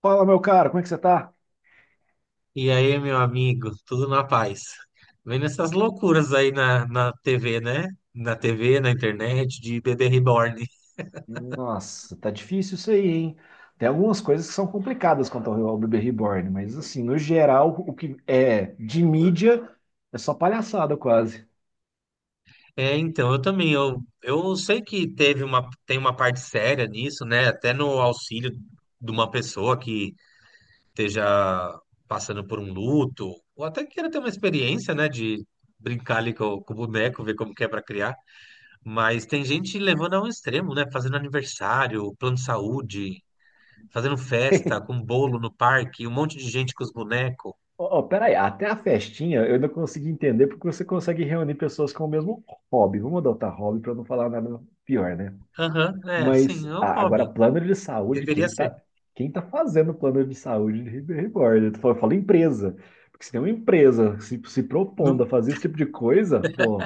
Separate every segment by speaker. Speaker 1: Fala, meu caro, como é que você tá?
Speaker 2: E aí, meu amigo, tudo na paz. Vendo essas loucuras aí na TV, né? Na TV, na internet, de bebê reborn.
Speaker 1: Nossa, tá difícil isso aí, hein? Tem algumas coisas que são complicadas quanto ao bebê reborn, mas assim, no geral, o que é de mídia é só palhaçada quase.
Speaker 2: É, então, eu também, eu sei que teve uma, tem uma parte séria nisso, né? Até no auxílio de uma pessoa que esteja passando por um luto, ou até queira ter uma experiência, né? De brincar ali com, com o boneco, ver como que é para criar. Mas tem gente levando ao extremo, né? Fazendo aniversário, plano de saúde, fazendo festa com bolo no parque, um monte de gente com os bonecos.
Speaker 1: Oh, peraí, até a festinha eu ainda consegui entender porque você consegue reunir pessoas com o mesmo hobby. Vamos adotar hobby para não falar nada pior, né?
Speaker 2: Aham, é,
Speaker 1: Mas
Speaker 2: sim, é um
Speaker 1: agora,
Speaker 2: hobby.
Speaker 1: plano de saúde,
Speaker 2: Deveria ser.
Speaker 1: quem tá fazendo plano de saúde de Ribeirão Reborn? Eu falo empresa. Porque se tem uma empresa se propondo
Speaker 2: Não.
Speaker 1: a fazer esse tipo de coisa, pô,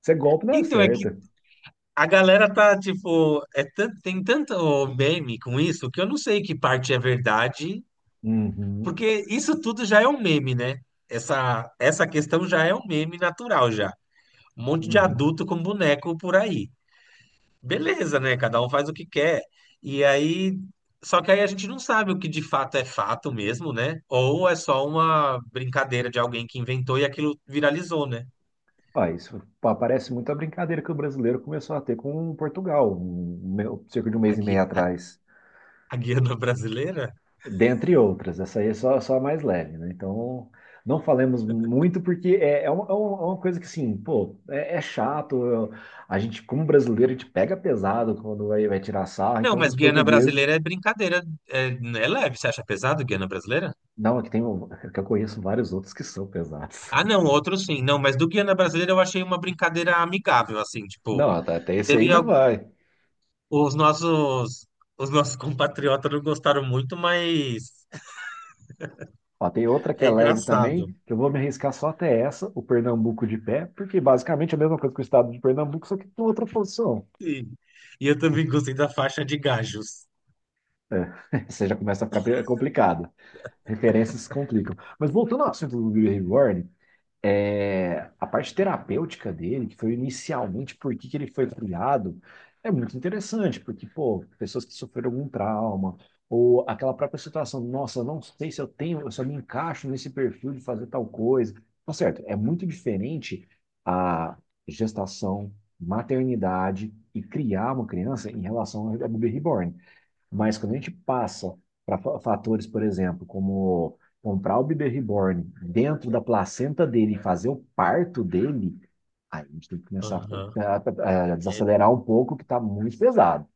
Speaker 1: isso é golpe na
Speaker 2: Então, é que
Speaker 1: certa.
Speaker 2: a galera tá, tipo, tem tanto meme com isso que eu não sei que parte é verdade,
Speaker 1: Uhum,
Speaker 2: porque isso tudo já é um meme, né? Essa questão já é um meme natural, já. Um monte de
Speaker 1: uhum.
Speaker 2: adulto com boneco por aí. Beleza, né? Cada um faz o que quer. E aí, só que aí a gente não sabe o que de fato é fato mesmo, né? Ou é só uma brincadeira de alguém que inventou e aquilo viralizou, né?
Speaker 1: Ah, parece muito a brincadeira que o brasileiro começou a ter com Portugal, cerca de um
Speaker 2: A,
Speaker 1: mês e meio
Speaker 2: gui- a,
Speaker 1: atrás.
Speaker 2: a Guiana brasileira?
Speaker 1: Dentre outras. Essa aí é só a mais leve, né? Então, não falemos muito, porque é uma coisa que, assim, pô, é chato. A gente, como brasileiro, a gente pega pesado quando vai tirar sarro.
Speaker 2: Não,
Speaker 1: Então,
Speaker 2: mas
Speaker 1: os
Speaker 2: Guiana
Speaker 1: portugueses.
Speaker 2: brasileira é brincadeira, é, é leve. Você acha pesado Guiana brasileira?
Speaker 1: Não, é que tem um, é que eu conheço vários outros que são pesados.
Speaker 2: Ah, não, outro sim. Não, mas do Guiana brasileira eu achei uma brincadeira amigável, assim,
Speaker 1: Não,
Speaker 2: tipo,
Speaker 1: até esse
Speaker 2: teve
Speaker 1: ainda
Speaker 2: al-
Speaker 1: vai.
Speaker 2: os nossos os nossos compatriotas não gostaram muito, mas
Speaker 1: Ó, tem outra que
Speaker 2: é
Speaker 1: é leve
Speaker 2: engraçado.
Speaker 1: também, que eu vou me arriscar só até essa, o Pernambuco de pé, porque basicamente é a mesma coisa que o estado de Pernambuco, só que com outra função.
Speaker 2: Sim. E eu também gostei da faixa de gajos.
Speaker 1: É, você já começa a ficar complicado. Referências complicam. Mas voltando ao assunto do Bill Reborn, a parte terapêutica dele, que foi inicialmente por que que ele foi criado, é muito interessante, porque, pô, pessoas que sofreram algum trauma, ou aquela própria situação, nossa, eu não sei se eu tenho, se eu me encaixo nesse perfil de fazer tal coisa. Tá certo, é muito diferente a gestação, maternidade e criar uma criança em relação ao Baby Reborn. Mas quando a gente passa para fatores, por exemplo, como comprar o bebê reborn dentro da placenta dele e fazer o parto dele, aí a gente tem que começar
Speaker 2: Aham.
Speaker 1: a
Speaker 2: É.
Speaker 1: desacelerar um pouco, que está muito pesado.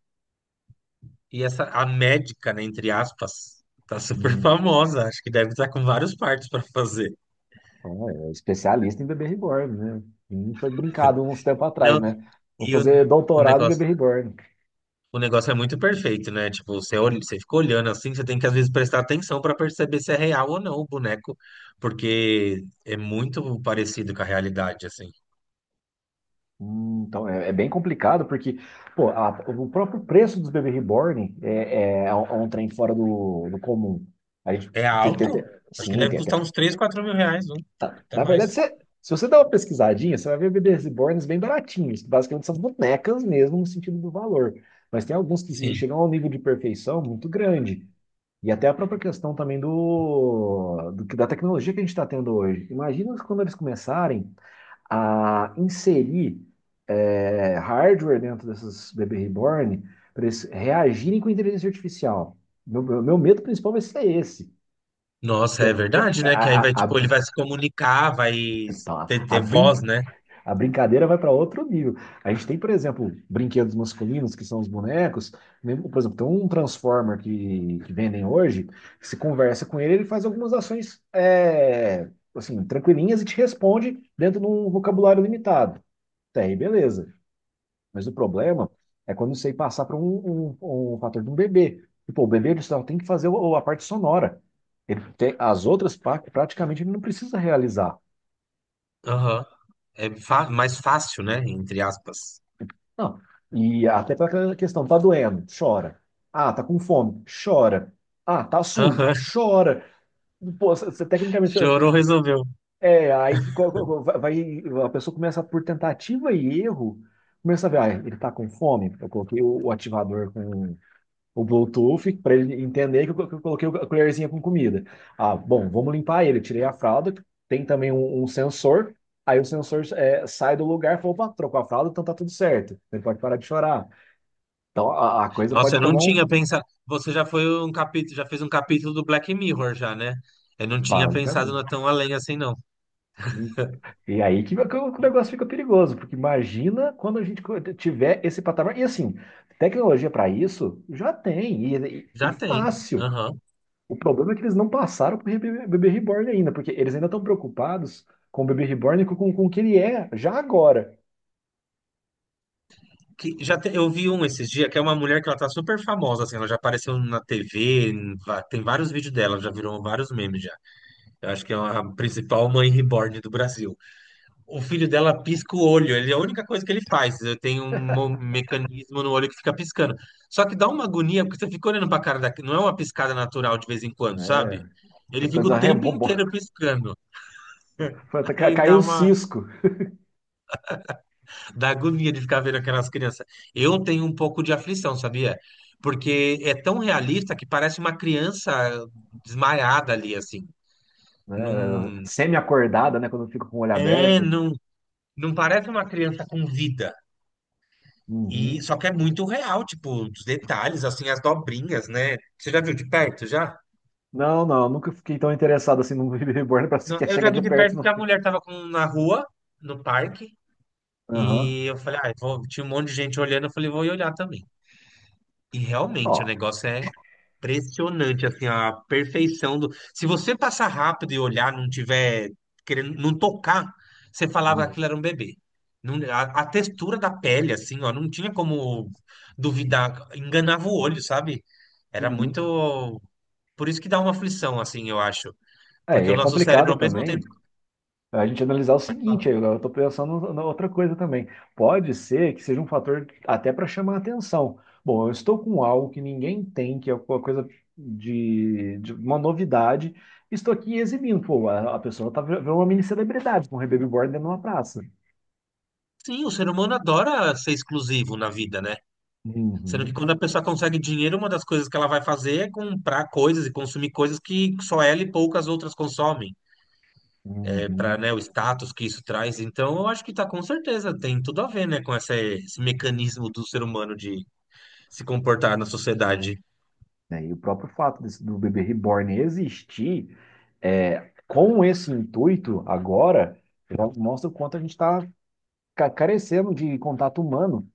Speaker 2: E essa, a médica, né, entre aspas, tá super
Speaker 1: Hum.
Speaker 2: famosa. Acho que deve estar com vários partos para fazer.
Speaker 1: Então, é é especialista em bebê reborn, né? E foi brincado uns tempos atrás,
Speaker 2: Não,
Speaker 1: né? Vou
Speaker 2: e o,
Speaker 1: fazer
Speaker 2: o
Speaker 1: doutorado em
Speaker 2: negócio,
Speaker 1: bebê reborn.
Speaker 2: o negócio é muito perfeito, né? Tipo, você olha, você fica olhando assim, você tem que às vezes prestar atenção para perceber se é real ou não o boneco, porque é muito parecido com a realidade, assim.
Speaker 1: Hum. Então é bem complicado porque pô, o próprio preço dos bebês reborn é um trem fora do, do comum. A gente
Speaker 2: É
Speaker 1: te- te-
Speaker 2: alto?
Speaker 1: te-
Speaker 2: Acho que
Speaker 1: sim,
Speaker 2: deve
Speaker 1: tem até.
Speaker 2: custar uns 3 4 mil reais, não? Até
Speaker 1: Na verdade,
Speaker 2: mais.
Speaker 1: se você dá uma pesquisadinha, você vai ver bebês reborns bem baratinhos, que basicamente são bonecas mesmo no sentido do valor. Mas tem alguns que
Speaker 2: Sim.
Speaker 1: chegam a um nível de perfeição muito grande. E até a própria questão também da tecnologia que a gente está tendo hoje. Imagina quando eles começarem a inserir hardware dentro dessas bebê reborn para eles reagirem com inteligência artificial. Meu medo principal vai ser esse.
Speaker 2: Nossa, é verdade,
Speaker 1: A,
Speaker 2: né? Que aí
Speaker 1: a,
Speaker 2: vai, tipo, ele
Speaker 1: a,
Speaker 2: vai se comunicar, vai
Speaker 1: tá,
Speaker 2: ter, ter voz, né?
Speaker 1: a brincadeira vai para outro nível. A gente tem, por exemplo, brinquedos masculinos, que são os bonecos. Né? Por exemplo, tem um Transformer que vendem hoje, que se conversa com ele, ele faz algumas ações assim, tranquilinhas e te responde dentro de um vocabulário limitado. Até aí, beleza. Mas o problema é quando você passar para um fator de um bebê. Tipo, o bebê ele só tem que fazer a parte sonora. Ele tem, as outras partes praticamente ele não precisa realizar.
Speaker 2: Aham. Mais fácil, né? Entre aspas.
Speaker 1: Não. E até para aquela questão, tá doendo, chora. Ah, tá com fome, chora. Ah, tá sujo,
Speaker 2: Aham.
Speaker 1: chora. Pô, você tecnicamente.
Speaker 2: Chorou, resolveu.
Speaker 1: É, aí que a pessoa começa por tentativa e erro, começa a ver, ah, ele tá com fome, eu coloquei o ativador com o Bluetooth para ele entender que eu coloquei a colherzinha com comida. Ah, bom, vamos limpar ele. Tirei a fralda, tem também um sensor. Aí o sensor sai do lugar e fala, opa, trocou a fralda, então tá tudo certo. Ele pode parar de chorar. Então a coisa
Speaker 2: Nossa,
Speaker 1: pode
Speaker 2: eu não
Speaker 1: tomar
Speaker 2: tinha
Speaker 1: um
Speaker 2: pensado. Você já foi um capítulo, já fez um capítulo do Black Mirror, já, né? Eu não tinha pensado na
Speaker 1: basicamente.
Speaker 2: tão além assim, não.
Speaker 1: E, e aí que o que o negócio fica perigoso, porque imagina quando a gente tiver esse patamar. E assim, tecnologia para isso já tem, e
Speaker 2: Já tem.
Speaker 1: fácil.
Speaker 2: Aham.
Speaker 1: O problema é que eles não passaram pro Bebê Reborn ainda, porque eles ainda estão preocupados com o Bebê Reborn e o que ele é já agora.
Speaker 2: Eu vi um esses dias, que é uma mulher que ela tá super famosa, assim, ela já apareceu na TV, tem vários vídeos dela, já virou vários memes já. Eu acho que é a principal mãe reborn do Brasil. O filho dela pisca o olho, ele é a única coisa que ele faz. Eu tenho um mecanismo no olho que fica piscando. Só que dá uma agonia, porque você fica olhando pra cara da... Não é uma piscada natural de vez em quando, sabe?
Speaker 1: Né?
Speaker 2: Ele
Speaker 1: Uma
Speaker 2: fica
Speaker 1: coisa
Speaker 2: o tempo
Speaker 1: rebobo.
Speaker 2: inteiro piscando.
Speaker 1: Foi até que
Speaker 2: Aí
Speaker 1: caiu
Speaker 2: dá
Speaker 1: um
Speaker 2: uma...
Speaker 1: cisco,
Speaker 2: Dá agonia de ficar vendo aquelas crianças. Eu tenho um pouco de aflição, sabia? Porque é tão realista que parece uma criança desmaiada ali, assim.
Speaker 1: né?
Speaker 2: Não...
Speaker 1: Semi-acordada, né? Quando fica com o olho
Speaker 2: É,
Speaker 1: aberto.
Speaker 2: não... Não parece uma criança com vida. E
Speaker 1: Uhum.
Speaker 2: só que é muito real, tipo, os detalhes, assim, as dobrinhas, né? Você já viu de perto, já?
Speaker 1: Não, não, eu nunca fiquei tão interessado assim no Bebê Reborn pra
Speaker 2: Não,
Speaker 1: sequer
Speaker 2: eu
Speaker 1: chegar
Speaker 2: já
Speaker 1: de
Speaker 2: vi de perto
Speaker 1: perto. Não.
Speaker 2: porque a
Speaker 1: Tem.
Speaker 2: mulher tava com, na rua, no parque,
Speaker 1: Aham.
Speaker 2: e eu falei, ah, vou, tinha um monte de gente olhando, eu falei, vou ir olhar também. E
Speaker 1: Ó.
Speaker 2: realmente, o negócio é impressionante, assim, a perfeição do. Se você passar rápido e olhar, não tiver querendo, não tocar, você falava que
Speaker 1: Uhum.
Speaker 2: aquilo era um bebê. A textura da pele, assim, ó, não tinha como duvidar, enganava o olho, sabe? Era
Speaker 1: Uhum.
Speaker 2: muito. Por isso que dá uma aflição, assim, eu acho. Porque
Speaker 1: É,
Speaker 2: o
Speaker 1: é
Speaker 2: nosso cérebro,
Speaker 1: complicado
Speaker 2: ao mesmo tempo.
Speaker 1: também. A gente analisar o
Speaker 2: Pode
Speaker 1: seguinte,
Speaker 2: falar.
Speaker 1: aí eu estou pensando na outra coisa também. Pode ser que seja um fator até para chamar a atenção. Bom, eu estou com algo que ninguém tem, que é uma coisa de uma novidade. Estou aqui exibindo. Pô, a pessoa tá virando uma mini celebridade com o bebê reborn dentro de uma praça.
Speaker 2: Sim, o ser humano adora ser exclusivo na vida, né? Sendo que
Speaker 1: Uhum,
Speaker 2: quando a pessoa consegue dinheiro, uma das coisas que ela vai fazer é comprar coisas e consumir coisas que só ela e poucas outras consomem, para,
Speaker 1: uhum.
Speaker 2: né, o status que isso traz. Então, eu acho que tá com certeza, tem tudo a ver, né, com esse mecanismo do ser humano de se comportar na sociedade.
Speaker 1: É, e o próprio fato do bebê reborn existir, é, com esse intuito agora, já mostra o quanto a gente está carecendo de contato humano.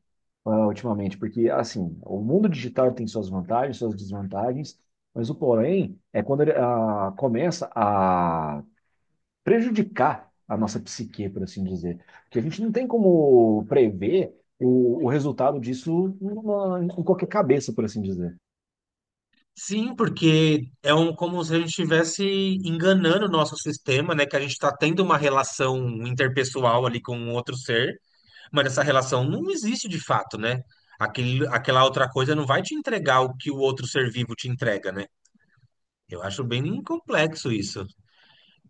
Speaker 1: Ultimamente, porque assim, o mundo digital tem suas vantagens, suas desvantagens, mas o porém é quando ele começa a prejudicar a nossa psique, por assim dizer, porque a gente não tem como prever o resultado disso em qualquer cabeça, por assim dizer.
Speaker 2: Sim, porque é um, como se a gente estivesse enganando o nosso sistema, né? Que a gente está tendo uma relação interpessoal ali com um outro ser, mas essa relação não existe de fato, né? Aquela outra coisa não vai te entregar o que o outro ser vivo te entrega, né? Eu acho bem complexo isso.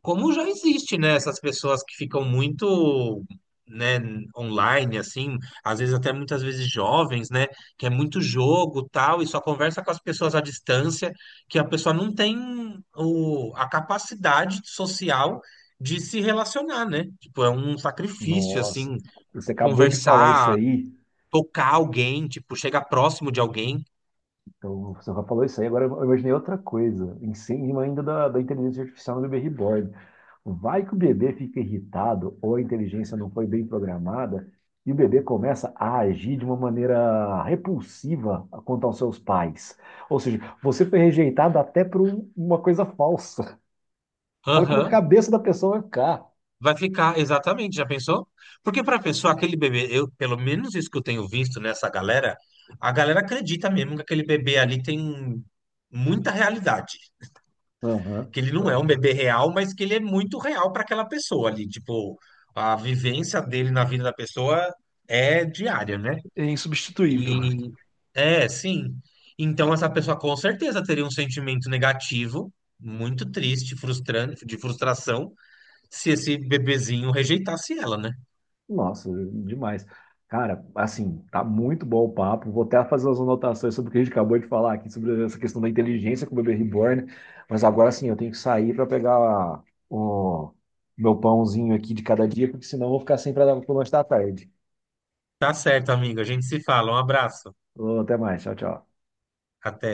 Speaker 2: Como já existe, né, essas pessoas que ficam muito, né, online, assim, às vezes até muitas vezes jovens, né, que é muito jogo, tal, e só conversa com as pessoas à distância, que a pessoa não tem a capacidade social de se relacionar, né? Tipo, é um sacrifício,
Speaker 1: Nossa,
Speaker 2: assim,
Speaker 1: você acabou de falar isso
Speaker 2: conversar,
Speaker 1: aí.
Speaker 2: tocar alguém, tipo, chegar próximo de alguém.
Speaker 1: Então, você já falou isso aí, agora eu imaginei outra coisa, em cima ainda da inteligência artificial no bebê reborn. Vai que o bebê fica irritado ou a inteligência não foi bem programada e o bebê começa a agir de uma maneira repulsiva quanto aos seus pais. Ou seja, você foi rejeitado até por uma coisa falsa. Olha como a
Speaker 2: Aham.
Speaker 1: cabeça da pessoa vai ficar.
Speaker 2: Vai ficar, exatamente, já pensou? Porque para a pessoa, aquele bebê, eu, pelo menos isso que eu tenho visto nessa galera, a galera acredita mesmo que aquele bebê ali tem muita realidade.
Speaker 1: Aham.
Speaker 2: Que ele não é um bebê real, mas que ele é muito real para aquela pessoa ali. Tipo, a vivência dele na vida da pessoa é diária, né?
Speaker 1: É insubstituível.
Speaker 2: E é, sim. Então, essa pessoa com certeza teria um sentimento negativo, muito triste, frustrante, de frustração, se esse bebezinho rejeitasse ela, né?
Speaker 1: Nossa, demais. Cara, assim, tá muito bom o papo. Vou até fazer as anotações sobre o que a gente acabou de falar aqui, sobre essa questão da inteligência com o bebê reborn. Mas agora sim, eu tenho que sair para pegar o meu pãozinho aqui de cada dia, porque senão eu vou ficar sem para o lanche da tarde.
Speaker 2: Tá certo, amigo. A gente se fala. Um abraço.
Speaker 1: Ô, até mais, tchau, tchau.
Speaker 2: Até.